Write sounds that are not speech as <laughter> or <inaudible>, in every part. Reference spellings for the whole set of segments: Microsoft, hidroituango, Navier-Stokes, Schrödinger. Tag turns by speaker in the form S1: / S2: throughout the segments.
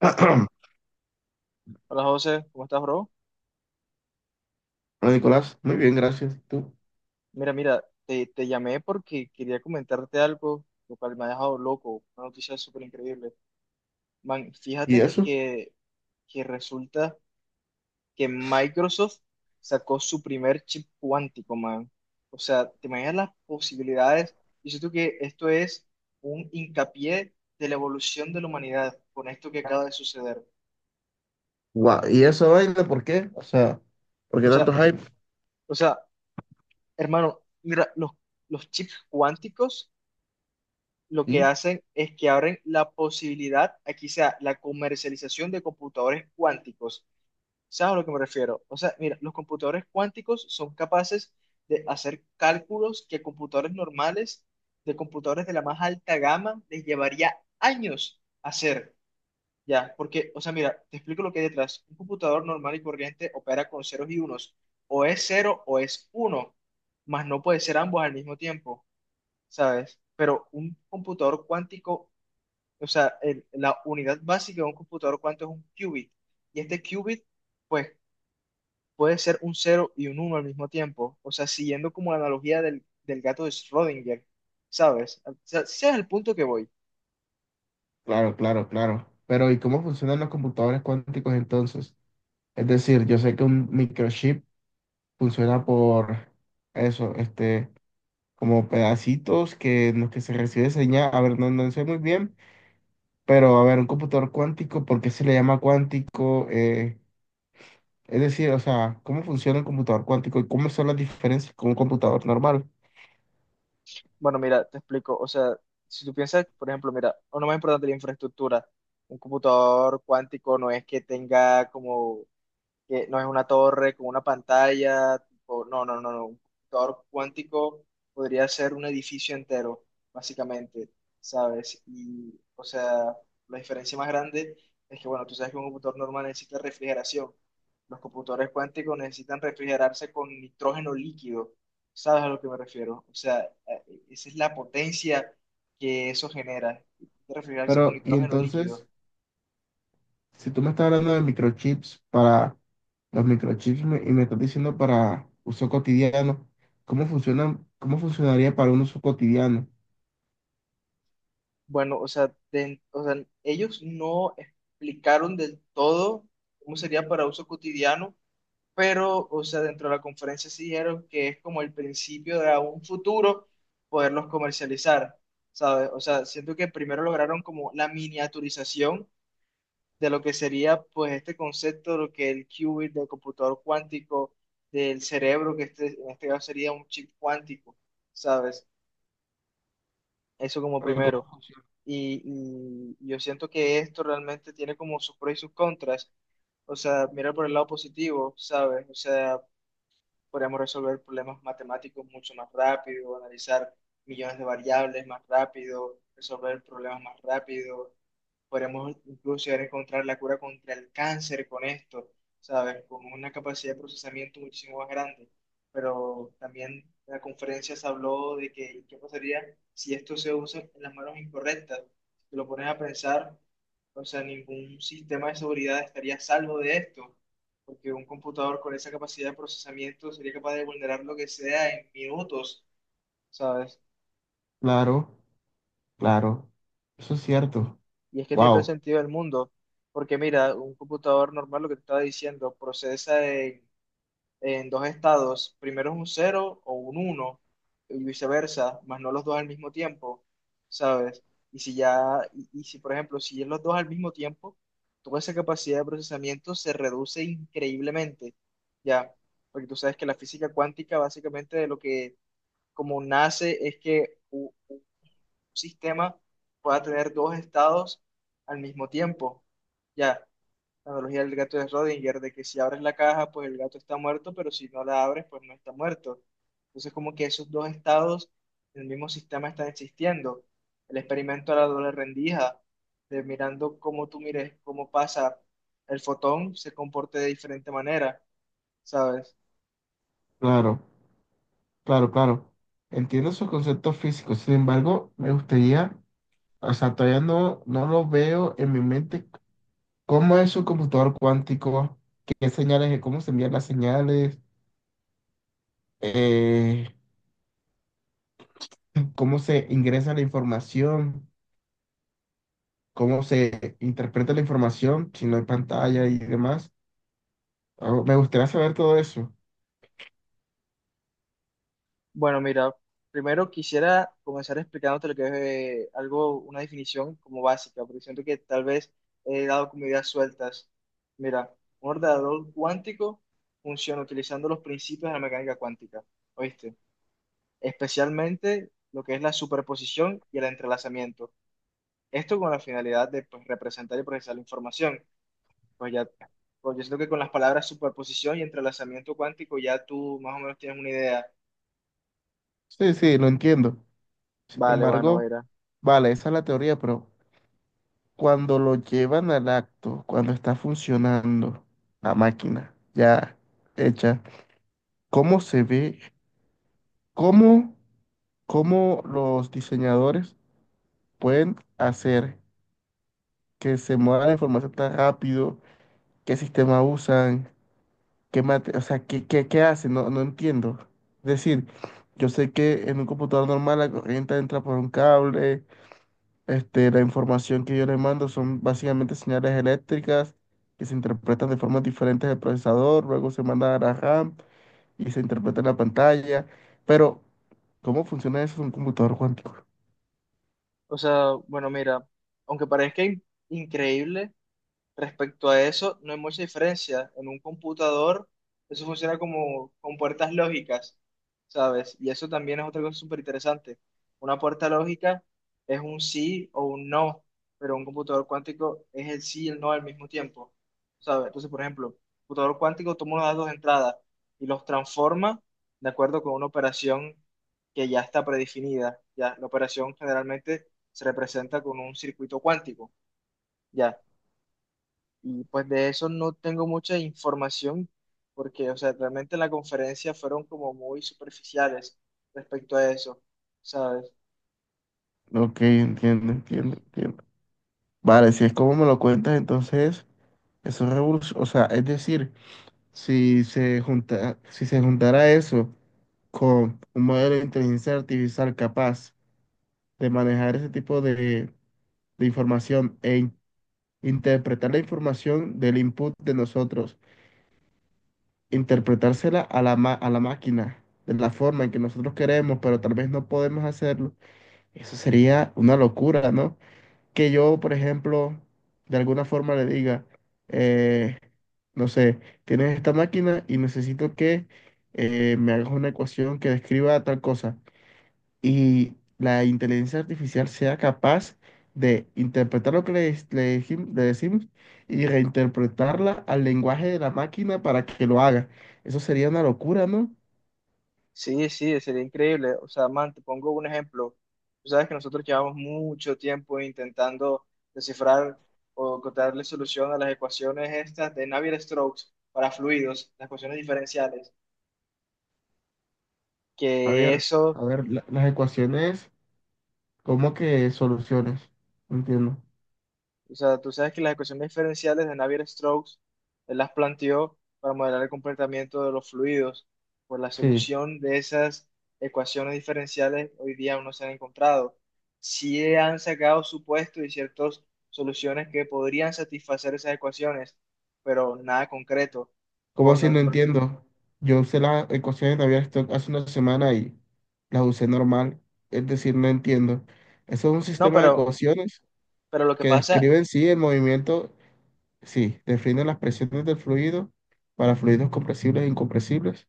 S1: <clears throat> Hola,
S2: Hola José, ¿cómo estás, bro?
S1: Nicolás, muy bien, gracias. ¿Tú?
S2: Mira, mira, te llamé porque quería comentarte algo, lo cual me ha dejado loco, una noticia súper increíble. Man,
S1: ¿Y
S2: fíjate
S1: eso?
S2: que resulta que Microsoft sacó su primer chip cuántico, man. O sea, te imaginas las posibilidades. Y siento que esto es un hincapié de la evolución de la humanidad con esto que acaba de suceder.
S1: ¿Y eso vaina por qué? O sea, ¿por qué
S2: O sea,
S1: tanto hype?
S2: o sea, hermano, mira, los chips cuánticos lo que
S1: Sí,
S2: hacen es que abren la posibilidad aquí sea la comercialización de computadores cuánticos. ¿Sabes a lo que me refiero? O sea, mira, los computadores cuánticos son capaces de hacer cálculos que computadores normales, de computadores de la más alta gama, les llevaría años hacer. Ya, porque, o sea, mira, te explico lo que hay detrás. Un computador normal y corriente opera con ceros y unos. O es cero o es uno, mas no puede ser ambos al mismo tiempo, ¿sabes? Pero un computador cuántico o sea, el- la unidad básica de un computador cuánto es un qubit. Y este qubit, pues, puede ser un cero y un uno al mismo tiempo. O sea, siguiendo como la analogía del gato de Schrödinger, ¿sabes? O sea, ese es el punto que voy.
S1: claro, claro, claro. Pero ¿y cómo funcionan los computadores cuánticos entonces? Es decir, yo sé que un microchip funciona por eso, este, como pedacitos que en los que se recibe señal. A ver, no, no sé muy bien, pero a ver, un computador cuántico, ¿por qué se le llama cuántico? Es decir, o sea, ¿cómo funciona el computador cuántico y cómo son las diferencias con un computador normal?
S2: Bueno, mira, te explico. O sea, si tú piensas, por ejemplo, mira, lo más importante, la infraestructura. Un computador cuántico no es que tenga como que no es una torre con una pantalla, tipo, no, no, no, no, un computador cuántico podría ser un edificio entero, básicamente, ¿sabes? Y, o sea, la diferencia más grande es que, bueno, tú sabes que un computador normal necesita refrigeración. Los computadores cuánticos necesitan refrigerarse con nitrógeno líquido, ¿sabes a lo que me refiero? O sea, esa es la potencia que eso genera, refrigerarse con
S1: Pero, y
S2: nitrógeno líquido.
S1: entonces, si tú me estás hablando de microchips para los microchips y me estás diciendo para uso cotidiano, ¿cómo funcionan, cómo funcionaría para un uso cotidiano?
S2: Bueno, o sea, de- o sea, ellos no explicaron del todo cómo sería para uso cotidiano, pero, o sea, dentro de la conferencia sí dijeron que es como el principio de a un futuro poderlos comercializar, ¿sabes? O sea, siento que primero lograron como la miniaturización de lo que sería, pues, este concepto de lo que el qubit del computador cuántico, del cerebro, que este, en este caso sería un chip cuántico, ¿sabes? Eso como
S1: Pero ¿cómo
S2: primero.
S1: funciona?
S2: Y yo siento que esto realmente tiene como sus pros y sus contras. O sea, mira por el lado positivo, ¿sabes? O sea, podemos resolver problemas matemáticos mucho más rápido, analizar millones de variables más rápido, resolver problemas más rápido. Podríamos incluso llegar a encontrar la cura contra el cáncer con esto, ¿sabes? Con una capacidad de procesamiento muchísimo más grande. Pero también en la conferencia se habló de que qué pasaría si esto se usa en las manos incorrectas. Si te lo pones a pensar, o sea, ningún sistema de seguridad estaría a salvo de esto, porque un computador con esa capacidad de procesamiento sería capaz de vulnerar lo que sea en minutos, ¿sabes?
S1: Claro, claro, eso es cierto.
S2: Y es que tiene todo el
S1: Wow,
S2: sentido del mundo, porque mira, un computador normal, lo que te estaba diciendo, procesa en dos estados, primero es un cero o un uno, y viceversa, más no los dos al mismo tiempo, ¿sabes? Y si ya, y si por ejemplo, si es los dos al mismo tiempo, toda esa capacidad de procesamiento se reduce increíblemente, ¿ya? Porque tú sabes que la física cuántica básicamente de lo que como nace es que sistema pueda tener dos estados al mismo tiempo. Ya, la analogía del gato de Schrödinger, de que si abres la caja, pues el gato está muerto, pero si no la abres, pues no está muerto. Entonces, como que esos dos estados en el mismo sistema están existiendo. El experimento de la doble rendija, de mirando cómo tú mires, cómo pasa el fotón, se comporte de diferente manera, ¿sabes?
S1: claro, claro, claro. Entiendo esos conceptos físicos, sin embargo, me gustaría, o sea, todavía no, no lo veo en mi mente, cómo es un computador cuántico, qué señales, cómo se envían las señales. Eh, Cómo se ingresa la información, cómo se interpreta la información, si no hay pantalla y demás. Ah, me gustaría saber todo eso.
S2: Bueno, mira, primero quisiera comenzar explicándote lo que es algo, una definición como básica, porque siento que tal vez he dado como ideas sueltas. Mira, un ordenador cuántico funciona utilizando los principios de la mecánica cuántica, ¿oíste? Especialmente lo que es la superposición y el entrelazamiento. Esto con la finalidad de pues, representar y procesar la información. Pues ya, pues yo siento que con las palabras superposición y entrelazamiento cuántico ya tú más o menos tienes una idea.
S1: Sí, sí, lo entiendo. Sin
S2: Vale, bueno,
S1: embargo,
S2: mira.
S1: vale, esa es la teoría, pero cuando lo llevan al acto, cuando está funcionando la máquina ya hecha, ¿cómo se ve? ¿Cómo, cómo los diseñadores pueden hacer que se mueva la información tan rápido? ¿Qué sistema usan? O sea, ¿qué hace? No, no entiendo. Es decir, yo sé que en un computador normal la corriente entra por un cable, este, la información que yo le mando son básicamente señales eléctricas que se interpretan de formas diferentes al procesador, luego se manda a la RAM y se interpreta en la pantalla. Pero, ¿cómo funciona eso en un computador cuántico?
S2: O sea, bueno, mira, aunque parezca increíble. Respecto a eso, no hay mucha diferencia. En un computador, eso funciona como con puertas lógicas, ¿sabes? Y eso también es otra cosa súper interesante. Una puerta lógica es un sí o un no, pero un computador cuántico es el sí y el no al mismo tiempo, ¿sabes? Entonces, por ejemplo, un computador cuántico toma unos datos de entrada y los transforma de acuerdo con una operación que ya está predefinida. Ya, la operación generalmente se representa con un circuito cuántico. Ya. Y pues de eso no tengo mucha información porque, o sea, realmente en la conferencia fueron como muy superficiales respecto a eso, ¿sabes?
S1: Ok, entiendo, entiendo, entiendo. Vale, si es como me lo cuentas, entonces, eso es revolución, o sea, es decir... Si se junta, si se juntara eso con un modelo de inteligencia artificial capaz de manejar ese tipo de información e interpretar la información del input de nosotros, interpretársela a la máquina de la forma en que nosotros queremos, pero tal vez no podemos hacerlo, eso sería una locura, ¿no? Que yo, por ejemplo, de alguna forma le diga, eh, no sé, tienes esta máquina y necesito que me hagas una ecuación que describa tal cosa. Y la inteligencia artificial sea capaz de interpretar lo que le decimos y reinterpretarla al lenguaje de la máquina para que lo haga. Eso sería una locura, ¿no?
S2: Sí, sí, sería increíble. O sea, man, te pongo un ejemplo. Tú sabes que nosotros llevamos mucho tiempo intentando descifrar o encontrarle solución a las ecuaciones estas de Navier-Stokes para fluidos, las ecuaciones diferenciales,
S1: A
S2: que
S1: ver,
S2: eso.
S1: a ver, las ecuaciones, ¿cómo que soluciones? No entiendo.
S2: O sea, tú sabes que las ecuaciones diferenciales de Navier-Stokes, él las planteó para modelar el comportamiento de los fluidos. Por la
S1: Sí.
S2: solución de esas ecuaciones diferenciales, hoy día aún no se han encontrado. Sí han sacado supuestos y ciertas soluciones que podrían satisfacer esas ecuaciones, pero nada concreto.
S1: ¿Cómo
S2: Con
S1: así?
S2: el
S1: No
S2: pro-
S1: entiendo. Yo usé las ecuaciones de Navier Stokes hace una semana y las usé normal. Es decir, no entiendo. Eso es un
S2: no,
S1: sistema de ecuaciones
S2: pero lo que
S1: que
S2: pasa.
S1: describen, sí, el movimiento, sí, definen las presiones del fluido para fluidos compresibles e incompresibles.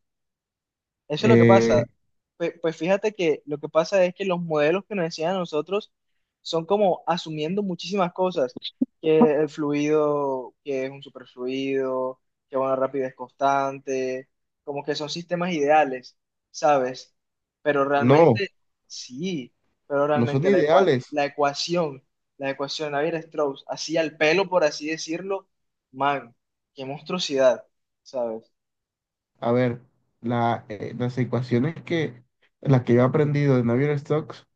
S2: Eso es lo que pasa.
S1: Eh,
S2: Pues, fíjate que lo que pasa es que los modelos que nos enseñan a nosotros son como asumiendo muchísimas cosas, que el fluido, que es un superfluido, que una rapidez constante, como que son sistemas ideales, ¿sabes? Pero
S1: no,
S2: realmente, sí, pero
S1: no son
S2: realmente
S1: ideales.
S2: la ecuación de Navier-Strauss, así al pelo, por así decirlo, man, qué monstruosidad, ¿sabes?
S1: A ver, las ecuaciones que, las que yo he aprendido de Navier-Stokes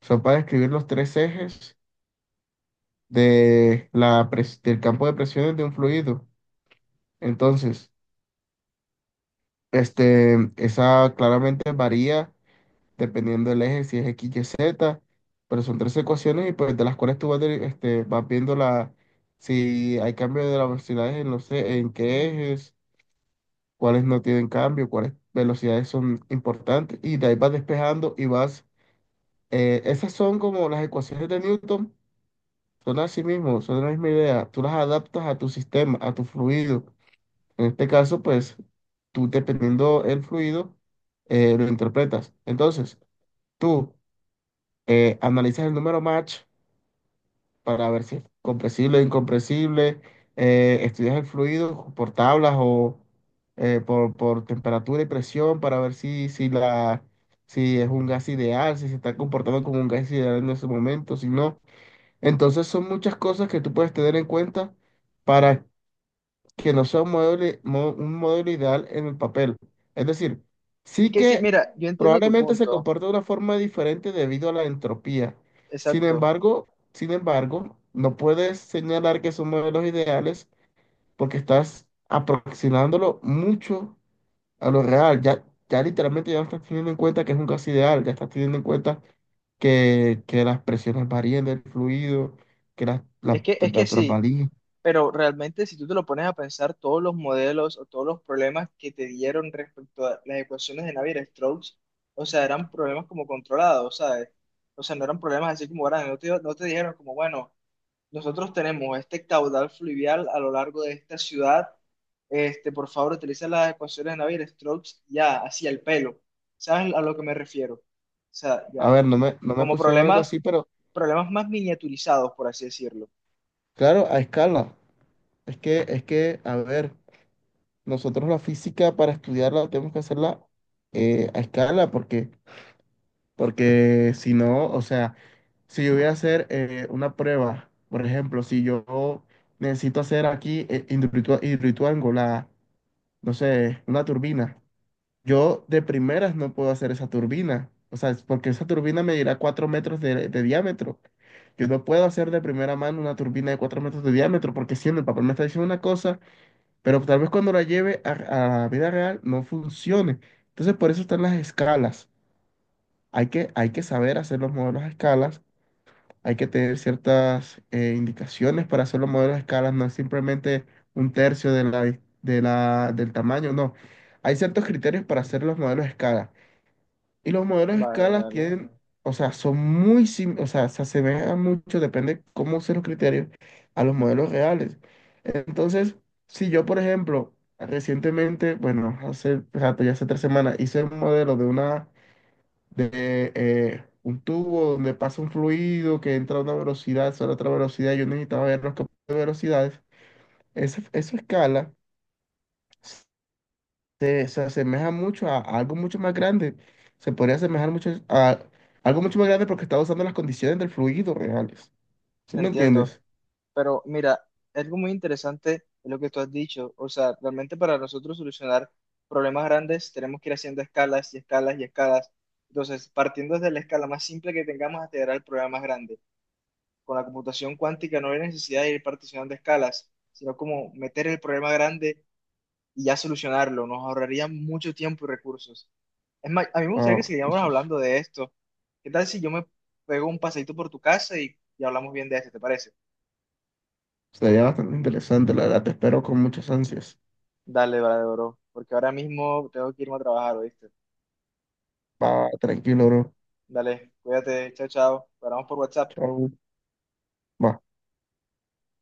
S1: son para describir los tres ejes de la del campo de presiones de un fluido. Entonces, este, esa claramente varía dependiendo del eje, si es X, Y, Z, pero son tres ecuaciones y pues de las cuales tú vas, este, vas viendo la, si hay cambio de la velocidad en, no sé en qué ejes, cuáles no tienen cambio, cuáles velocidades son importantes y de ahí vas despejando y vas, esas son como las ecuaciones de Newton, son así mismo, son la misma idea, tú las adaptas a tu sistema, a tu fluido. En este caso, pues tú dependiendo el fluido, lo interpretas. Entonces, tú analizas el número match para ver si es compresible o incompresible, estudias el fluido por tablas o por temperatura y presión para ver si es un gas ideal, si se está comportando como un gas ideal en ese momento, si no. Entonces, son muchas cosas que tú puedes tener en cuenta para que no sea un un modelo ideal en el papel. Es decir,
S2: Es
S1: sí
S2: que sí,
S1: que
S2: mira, yo entiendo tu
S1: probablemente se
S2: punto.
S1: comporta de una forma diferente debido a la entropía. Sin
S2: Exacto.
S1: embargo, sin embargo, no puedes señalar que son modelos ideales porque estás aproximándolo mucho a lo real. Ya, ya literalmente ya no estás teniendo en cuenta que es un gas ideal, ya estás teniendo en cuenta que las presiones varíen del fluido, que las,
S2: Es
S1: las
S2: que, es que
S1: temperaturas
S2: sí,
S1: varíen.
S2: pero realmente si tú te lo pones a pensar, todos los modelos o todos los problemas que te dieron respecto a las ecuaciones de Navier-Stokes, o sea, eran problemas como controlados, ¿sabes? O sea, no eran problemas así como grandes, no te dijeron como, bueno, nosotros tenemos este caudal fluvial a lo largo de esta ciudad, este, por favor, utiliza las ecuaciones de Navier-Stokes ya, así al pelo. ¿Sabes a lo que me refiero? O sea,
S1: A
S2: ya,
S1: ver, no me
S2: como
S1: pusieron algo
S2: problemas,
S1: así, pero
S2: problemas más miniaturizados, por así decirlo.
S1: claro, a escala. Es que, a ver, nosotros la física para estudiarla tenemos que hacerla a escala, porque, si no, o sea, si yo voy a hacer una prueba, por ejemplo, si yo necesito hacer aquí hidroituango, no sé, una turbina, yo de primeras no puedo hacer esa turbina. O sea, es porque esa turbina medirá 4 metros de diámetro. Yo no puedo hacer de primera mano una turbina de 4 metros de diámetro porque si en el papel me está diciendo una cosa, pero tal vez cuando la lleve a la vida real no funcione. Entonces por eso están las escalas. Hay que saber hacer los modelos a escalas, hay que tener ciertas indicaciones para hacer los modelos a escalas, no es simplemente un tercio del tamaño, no. Hay ciertos criterios para hacer los modelos a escala. Y los modelos de
S2: Vale,
S1: escalas
S2: vale,
S1: tienen, o sea, son muy, o sea, se asemejan mucho, depende cómo usen los criterios, a los modelos reales. Entonces, si yo, por ejemplo, recientemente, bueno, hace rato, ya hace 3 semanas, hice un modelo de un tubo donde pasa un fluido que entra a una velocidad, sale a otra velocidad, yo necesitaba ver los campos de velocidades. Esa escala se asemeja mucho a algo mucho más grande. Se podría asemejar mucho a algo mucho más grande porque está usando las condiciones del fluido reales. ¿Sí me
S2: entiendo.
S1: entiendes?
S2: Pero mira, algo muy interesante es lo que tú has dicho. O sea, realmente para nosotros solucionar problemas grandes tenemos que ir haciendo escalas y escalas y escalas. Entonces, partiendo desde la escala más simple que tengamos hasta llegar al problema más grande. Con la computación cuántica no hay necesidad de ir particionando escalas, sino como meter el problema grande y ya solucionarlo. Nos ahorraría mucho tiempo y recursos. Es más, a mí me gustaría que
S1: Wow,
S2: siguiéramos hablando de esto. ¿Qué tal si yo me pego un paseíto por tu casa y hablamos bien de esto? ¿Te parece?
S1: sería bastante interesante, la verdad. Te espero con muchas ansias.
S2: Dale, vale, bro, porque ahora mismo tengo que irme a trabajar, ¿oíste?
S1: Va, tranquilo, bro.
S2: Dale, cuídate, chao, chao. Paramos por WhatsApp.
S1: Chao. Va.